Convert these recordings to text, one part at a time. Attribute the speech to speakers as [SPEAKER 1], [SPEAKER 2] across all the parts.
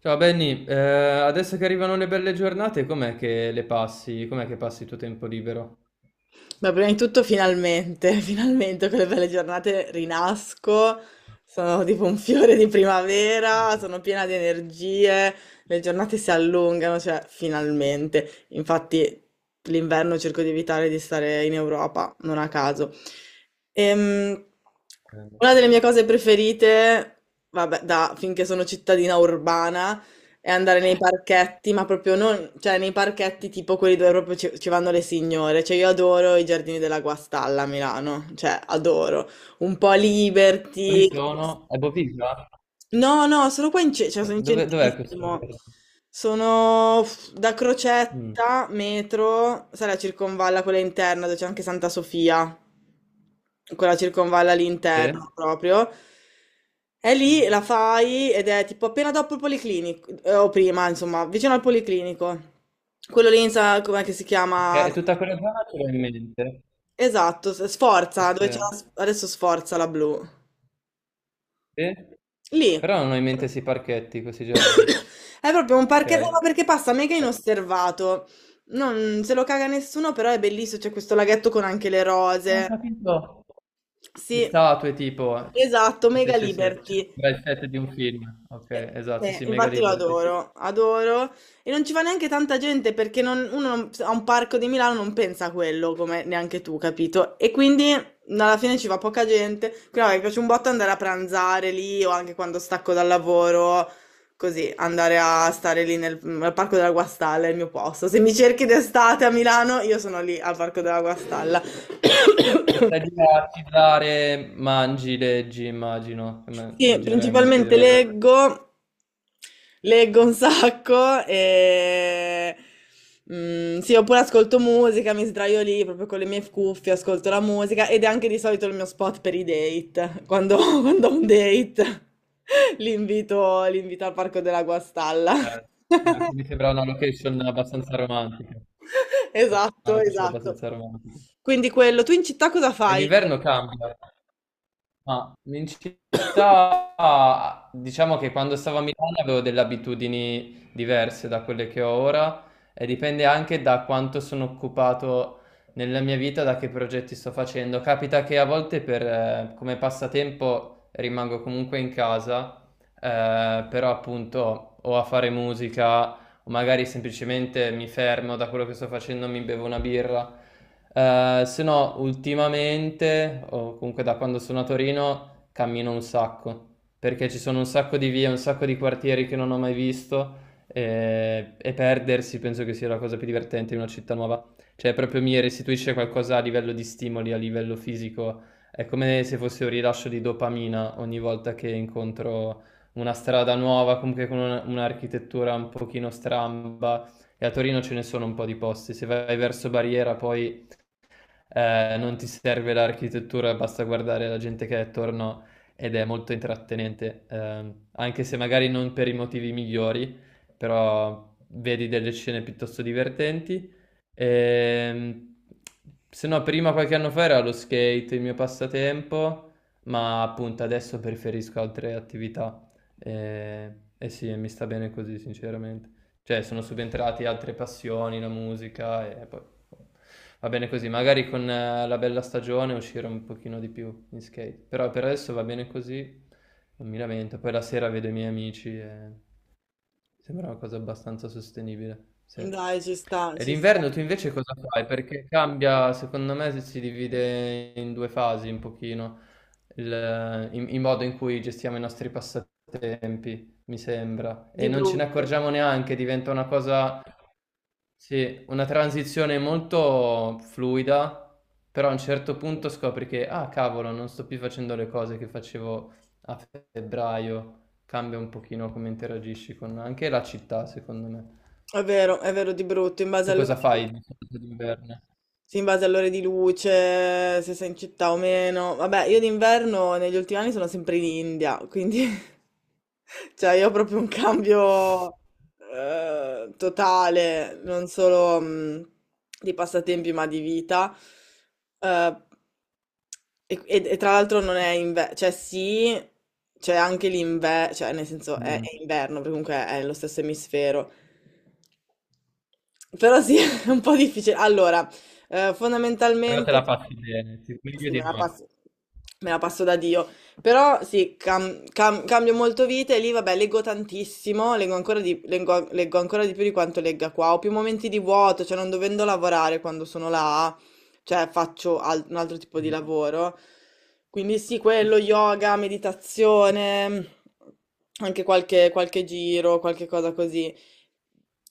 [SPEAKER 1] Ciao Benny, adesso che arrivano le belle giornate, com'è che le passi? Com'è che passi il tuo tempo libero?
[SPEAKER 2] Beh, prima di tutto finalmente, finalmente con le belle giornate rinasco, sono tipo un fiore di
[SPEAKER 1] Eh,
[SPEAKER 2] primavera, sono piena di energie, le giornate si allungano, cioè finalmente. Infatti l'inverno cerco di evitare di stare in Europa, non a caso. Ehm, una delle mie cose preferite, vabbè, da finché sono cittadina urbana, e andare nei parchetti, ma proprio non, cioè nei parchetti tipo quelli dove proprio ci vanno le signore. Cioè io adoro i giardini della Guastalla a Milano, cioè adoro. Un po'
[SPEAKER 1] Quali
[SPEAKER 2] Liberty.
[SPEAKER 1] sono? È Boviglia?
[SPEAKER 2] No, no, sono qua cioè, sono in
[SPEAKER 1] Dove, dov'è questo?
[SPEAKER 2] centrissimo.
[SPEAKER 1] Giorno?
[SPEAKER 2] Sono da
[SPEAKER 1] Mm,
[SPEAKER 2] Crocetta, metro, sai la circonvalla quella interna dove c'è anche Santa Sofia, quella circonvalla
[SPEAKER 1] sì?
[SPEAKER 2] all'interno proprio. E lì la fai ed è tipo appena dopo il policlinico, o prima, insomma, vicino al policlinico. Quello lì, sa com'è che si
[SPEAKER 1] Che
[SPEAKER 2] chiama?
[SPEAKER 1] è tutta quella zona ce l'ho in mente.
[SPEAKER 2] Esatto,
[SPEAKER 1] Sì,
[SPEAKER 2] Sforza, dove c'è
[SPEAKER 1] sì.
[SPEAKER 2] adesso Sforza la blu.
[SPEAKER 1] Sì?
[SPEAKER 2] Lì.
[SPEAKER 1] Però non ho in mente questi parchetti, questi giorni.
[SPEAKER 2] È proprio un
[SPEAKER 1] Ok.
[SPEAKER 2] parchetto, ma perché passa mega inosservato. Non se lo caga nessuno, però è bellissimo, c'è questo laghetto con anche le
[SPEAKER 1] Ah, ho
[SPEAKER 2] rose.
[SPEAKER 1] capito. Le
[SPEAKER 2] Sì,
[SPEAKER 1] statue tipo.
[SPEAKER 2] esatto,
[SPEAKER 1] Sì,
[SPEAKER 2] mega
[SPEAKER 1] sì, sì, sì.
[SPEAKER 2] liberty.
[SPEAKER 1] C'è il set di un film. Ok,
[SPEAKER 2] Eh,
[SPEAKER 1] esatto, sì, sì, mega
[SPEAKER 2] infatti lo
[SPEAKER 1] liberty.
[SPEAKER 2] adoro, adoro. E non ci va neanche tanta gente perché non- uno non- a un parco di Milano non pensa a quello, come neanche tu, capito? E quindi alla fine ci va poca gente. Però mi piace un botto andare a pranzare lì o anche quando stacco dal lavoro, così, andare a stare lì al Parco della Guastalla, è il mio posto. Se mi cerchi d'estate a Milano, io sono lì al Parco della Guastalla.
[SPEAKER 1] E stai lì a sigillare, mangi, leggi, immagino,
[SPEAKER 2] Sì,
[SPEAKER 1] leggerai un botto di
[SPEAKER 2] principalmente
[SPEAKER 1] roba.
[SPEAKER 2] leggo, leggo un sacco e sì, oppure ascolto musica, mi sdraio lì proprio con le mie cuffie, ascolto la musica ed è anche di solito il mio spot per i date, quando, quando ho un date li invito al Parco della Guastalla.
[SPEAKER 1] Eh, beh, mi sembra una location abbastanza romantica. Una
[SPEAKER 2] Esatto,
[SPEAKER 1] location
[SPEAKER 2] esatto.
[SPEAKER 1] abbastanza romantica.
[SPEAKER 2] Quindi quello, tu in città cosa
[SPEAKER 1] E
[SPEAKER 2] fai?
[SPEAKER 1] d'inverno cambia. Ma in città, diciamo che quando stavo a Milano avevo delle abitudini diverse da quelle che ho ora e dipende anche da quanto sono occupato nella mia vita, da che progetti sto facendo. Capita che a volte per, come passatempo rimango comunque in casa, però appunto o a fare musica o magari semplicemente mi fermo da quello che sto facendo, mi bevo una birra. Se no, ultimamente, o comunque da quando sono a Torino, cammino un sacco, perché ci sono un sacco di vie, un sacco di quartieri che non ho mai visto e perdersi penso che sia la cosa più divertente in una città nuova. Cioè, proprio mi restituisce qualcosa a livello di stimoli, a livello fisico. È come se fosse un rilascio di dopamina ogni volta che incontro una strada nuova, comunque con un'architettura un pochino stramba. E a Torino ce ne sono un po' di posti. Se vai verso Barriera, poi non ti serve l'architettura, basta guardare la gente che è attorno ed è molto intrattenente, anche se magari non per i motivi migliori, però vedi delle scene piuttosto divertenti. Ehm, Se no, prima qualche anno fa era lo skate il mio passatempo, ma appunto adesso preferisco altre attività. Eh, e sì, mi sta bene così, sinceramente, cioè sono subentrati altre passioni, la musica e poi boh, va bene così. Magari con la bella stagione uscire un pochino di più in skate, però per adesso va bene così, non mi lamento. Poi la sera vedo i miei amici e sembra una cosa abbastanza sostenibile, sì.
[SPEAKER 2] Dai, ci sta,
[SPEAKER 1] E
[SPEAKER 2] ci sta.
[SPEAKER 1] d'inverno tu invece cosa fai? Perché cambia, secondo me, se si divide in due fasi un pochino il modo in cui gestiamo i nostri passatempi, mi sembra. E
[SPEAKER 2] Di
[SPEAKER 1] non ce ne
[SPEAKER 2] brutto.
[SPEAKER 1] accorgiamo neanche, diventa una cosa, sì, una transizione molto fluida, però a un certo punto scopri che, ah cavolo, non sto più facendo le cose che facevo a febbraio, cambia un pochino come interagisci con anche la città, secondo me.
[SPEAKER 2] È vero, di brutto, in base
[SPEAKER 1] Tu
[SPEAKER 2] alle
[SPEAKER 1] cosa
[SPEAKER 2] ore.
[SPEAKER 1] fai di solito d'inverno?
[SPEAKER 2] Sì, in base alle ore di luce, se sei in città o meno. Vabbè, io d'inverno negli ultimi anni sono sempre in India, quindi cioè io ho proprio un cambio totale, non solo di passatempi, ma di vita. Eh, e tra l'altro non è inverno, cioè sì, c'è anche l'inverno, cioè nel senso è,
[SPEAKER 1] Mm.
[SPEAKER 2] è inverno, perché comunque è nello stesso emisfero. Però sì, è un po' difficile. Allora,
[SPEAKER 1] Però te
[SPEAKER 2] fondamentalmente,
[SPEAKER 1] la passi bene, sì, meglio
[SPEAKER 2] sì, me
[SPEAKER 1] di
[SPEAKER 2] la
[SPEAKER 1] noi.
[SPEAKER 2] passo, me la passo da Dio, però sì, cambio molto vita e lì, vabbè, leggo tantissimo, leggo ancora di più di quanto legga qua, ho più momenti di vuoto, cioè non dovendo lavorare quando sono là, cioè faccio un altro tipo di lavoro, quindi sì, quello, yoga, meditazione, anche qualche giro, qualche cosa così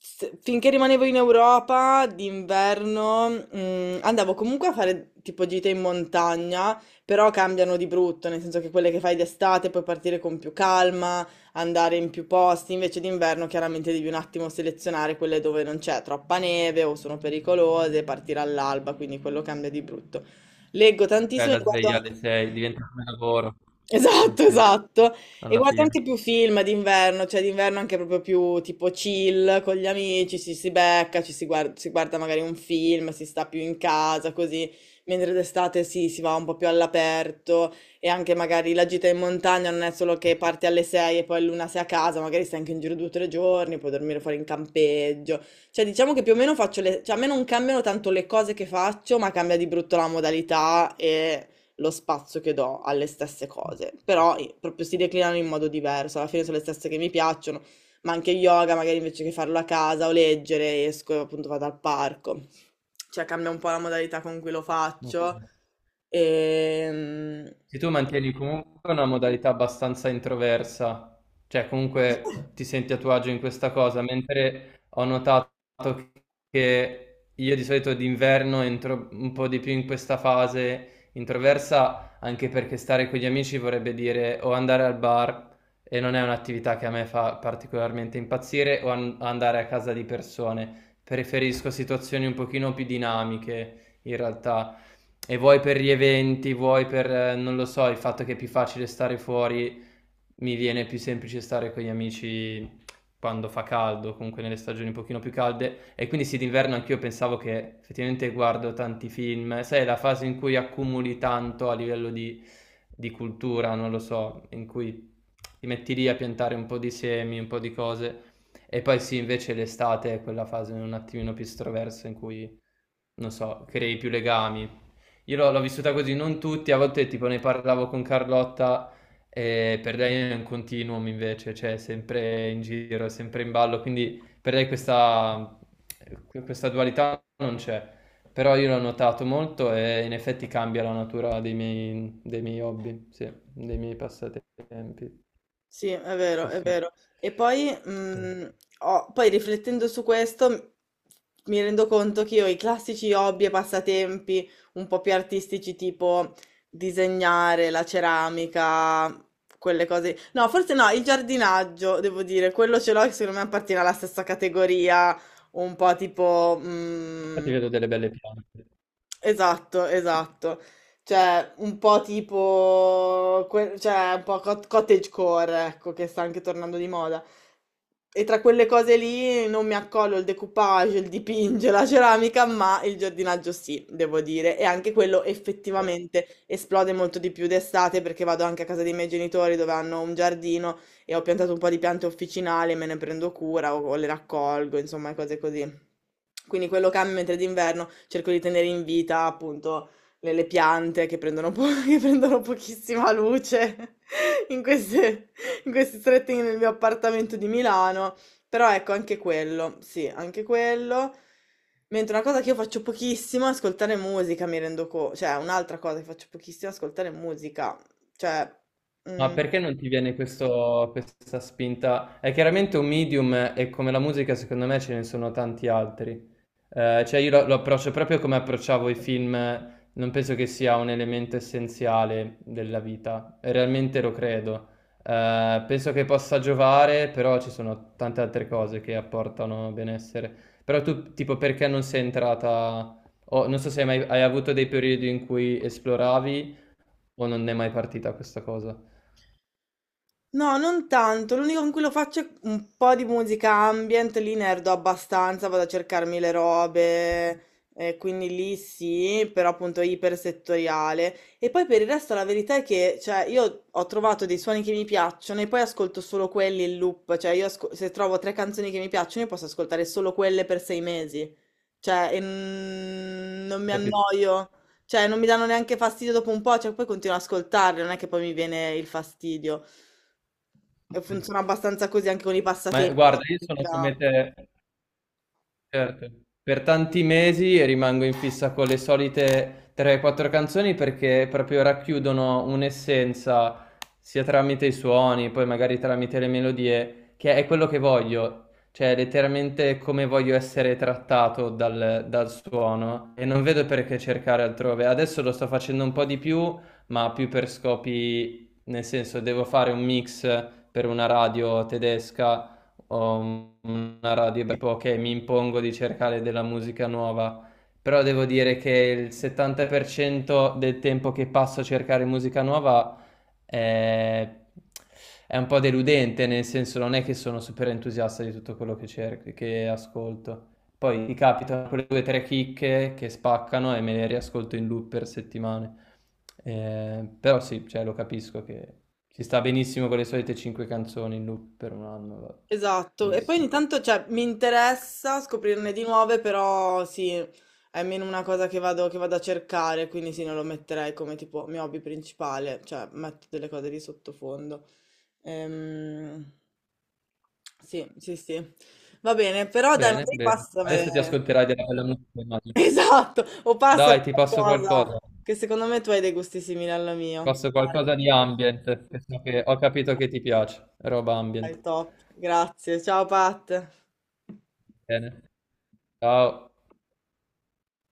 [SPEAKER 2] finché rimanevo in Europa d'inverno, andavo comunque a fare tipo gite in montagna, però cambiano di brutto, nel senso che quelle che fai d'estate puoi partire con più calma, andare in più posti, invece d'inverno chiaramente devi un attimo selezionare quelle dove non c'è troppa neve o sono pericolose, partire all'alba, quindi quello cambia di brutto. Leggo
[SPEAKER 1] Fai
[SPEAKER 2] tantissimo,
[SPEAKER 1] la sveglia
[SPEAKER 2] guardo.
[SPEAKER 1] alle 6, diventa come lavoro. Eh
[SPEAKER 2] Esatto,
[SPEAKER 1] sì,
[SPEAKER 2] esatto. E
[SPEAKER 1] alla
[SPEAKER 2] guarda anche
[SPEAKER 1] fine.
[SPEAKER 2] più film d'inverno, cioè d'inverno anche proprio più tipo chill con gli amici, ci si becca, ci si guarda magari un film, si sta più in casa, così, mentre d'estate sì, si va un po' più all'aperto e anche magari la gita in montagna non è solo che parti alle 6 e poi l'una sei a casa, magari stai anche in giro 2 o 3 giorni, puoi dormire fuori in campeggio. Cioè diciamo che più o meno faccio le, cioè a me non cambiano tanto le cose che faccio, ma cambia di brutto la modalità, lo spazio che do alle stesse cose, però proprio si declinano in modo diverso, alla fine sono le stesse che mi piacciono, ma anche yoga, magari invece che farlo a casa o leggere, esco e appunto vado al parco, cioè cambia un po' la modalità con cui lo
[SPEAKER 1] Ok.
[SPEAKER 2] faccio. Ehm,
[SPEAKER 1] Se tu mantieni comunque una modalità abbastanza introversa, cioè comunque ti senti a tuo agio in questa cosa, mentre ho notato che io di solito d'inverno entro un po' di più in questa fase introversa, anche perché stare con gli amici vorrebbe dire o andare al bar e non è un'attività che a me fa particolarmente impazzire, o andare a casa di persone. Preferisco situazioni un pochino più dinamiche in realtà. E vuoi per gli eventi, vuoi per, non lo so, il fatto che è più facile stare fuori mi viene più semplice stare con gli amici quando fa caldo, comunque nelle stagioni un pochino più calde, e quindi sì, d'inverno anch'io pensavo che effettivamente guardo tanti film, sai, è la fase in cui accumuli tanto a livello di cultura, non lo so, in cui ti metti lì a piantare un po' di semi, un po' di cose, e poi sì, invece l'estate è quella fase un attimino più estroversa in cui, non so, crei più legami. Io l'ho vissuta così, non tutti, a volte tipo ne parlavo con Carlotta e per lei è un continuum invece, cioè è sempre in giro, è sempre in ballo, quindi per lei questa, questa dualità non c'è. Però io l'ho notato molto e in effetti cambia la natura dei miei hobby, sì, dei miei passatempi.
[SPEAKER 2] Sì, è vero,
[SPEAKER 1] Sì,
[SPEAKER 2] è
[SPEAKER 1] sì.
[SPEAKER 2] vero. E poi, poi riflettendo su questo, mi rendo conto che io i classici hobby e passatempi un po' più artistici, tipo disegnare, la ceramica, quelle cose. No, forse no, il giardinaggio, devo dire, quello ce l'ho che secondo me appartiene alla stessa categoria, un po' tipo,
[SPEAKER 1] Infatti vedo delle belle piante.
[SPEAKER 2] esatto, esatto. Cioè, un po' tipo, cioè, un po' cottagecore, ecco, che sta anche tornando di moda. E tra quelle cose lì non mi accollo il decoupage, il dipinge, la ceramica, ma il giardinaggio sì, devo dire. E anche quello effettivamente esplode molto di più d'estate perché vado anche a casa dei miei genitori dove hanno un giardino e ho piantato un po' di piante officinali, me ne prendo cura o le raccolgo, insomma, cose così. Quindi quello cambia, mentre d'inverno cerco di tenere in vita appunto le piante che prendono, che prendono pochissima luce in queste, in questi stretti nel mio appartamento di Milano. Però ecco, anche quello, sì, anche quello. Mentre una cosa che io faccio pochissimo è ascoltare musica, mi rendo conto, cioè un'altra cosa che faccio pochissimo è ascoltare musica. Cioè,
[SPEAKER 1] Ma
[SPEAKER 2] mm,
[SPEAKER 1] perché non ti viene questa spinta? È chiaramente un medium e come la musica secondo me ce ne sono tanti altri. Cioè io lo approccio proprio come approcciavo i film, non penso che sia un elemento essenziale della vita, realmente lo credo. Penso che possa giovare, però ci sono tante altre cose che apportano benessere. Però tu, tipo, perché non sei entrata, o non so se hai mai hai avuto dei periodi in cui esploravi o non è mai partita questa cosa.
[SPEAKER 2] no, non tanto. L'unico con cui lo faccio è un po' di musica ambient, lì nerdo abbastanza, vado a cercarmi le robe, quindi lì sì, però appunto è ipersettoriale. E poi per il resto la verità è che, cioè, io ho trovato dei suoni che mi piacciono e poi ascolto solo quelli in loop, cioè io se trovo tre canzoni che mi piacciono io posso ascoltare solo quelle per 6 mesi, cioè e non mi
[SPEAKER 1] Capito?
[SPEAKER 2] annoio, cioè non mi danno neanche fastidio dopo un po', cioè poi continuo ad ascoltarle, non è che poi mi viene il fastidio. E funziona abbastanza così anche con i
[SPEAKER 1] Ma
[SPEAKER 2] passatempi. Cioè,
[SPEAKER 1] guarda, io
[SPEAKER 2] ti
[SPEAKER 1] sono
[SPEAKER 2] spiega.
[SPEAKER 1] come te. Certo. Per tanti mesi rimango in fissa con le solite 3-4 canzoni perché proprio racchiudono un'essenza sia tramite i suoni, poi magari tramite le melodie, che è quello che voglio, cioè letteralmente come voglio essere trattato dal, dal suono e non vedo perché cercare altrove. Adesso lo sto facendo un po' di più, ma più per scopi, nel senso devo fare un mix per una radio tedesca, ho una radio tipo che mi impongo di cercare della musica nuova, però devo dire che il 70% del tempo che passo a cercare musica nuova è, è un po' deludente, nel senso non è che sono super entusiasta di tutto quello che cerco, che ascolto. Poi mi capitano quelle due o tre chicche che spaccano e me le riascolto in loop per settimane. Però sì, cioè, lo capisco che ci sta benissimo con le solite cinque canzoni in loop per un anno, va
[SPEAKER 2] Esatto. E poi
[SPEAKER 1] benissimo.
[SPEAKER 2] ogni tanto, cioè, mi interessa scoprirne di nuove, però sì, è meno una cosa che vado, a cercare, quindi sì, non lo metterei come tipo mio hobby principale, cioè metto delle cose di sottofondo. Ehm, sì, sì, sì. Va bene, però dai,
[SPEAKER 1] Bene,
[SPEAKER 2] magari
[SPEAKER 1] bene.
[SPEAKER 2] passami.
[SPEAKER 1] Adesso ti ascolterai della bella musica, immagino.
[SPEAKER 2] Esatto, o passami
[SPEAKER 1] Dai, ti passo
[SPEAKER 2] qualcosa,
[SPEAKER 1] qualcosa. Ti
[SPEAKER 2] che secondo me tu hai dei gusti simili al mio.
[SPEAKER 1] passo
[SPEAKER 2] Dai.
[SPEAKER 1] qualcosa di ambient, che ho capito che ti piace, roba
[SPEAKER 2] Dai,
[SPEAKER 1] ambient.
[SPEAKER 2] top. Grazie. Ciao Pat.
[SPEAKER 1] Bene. Ciao.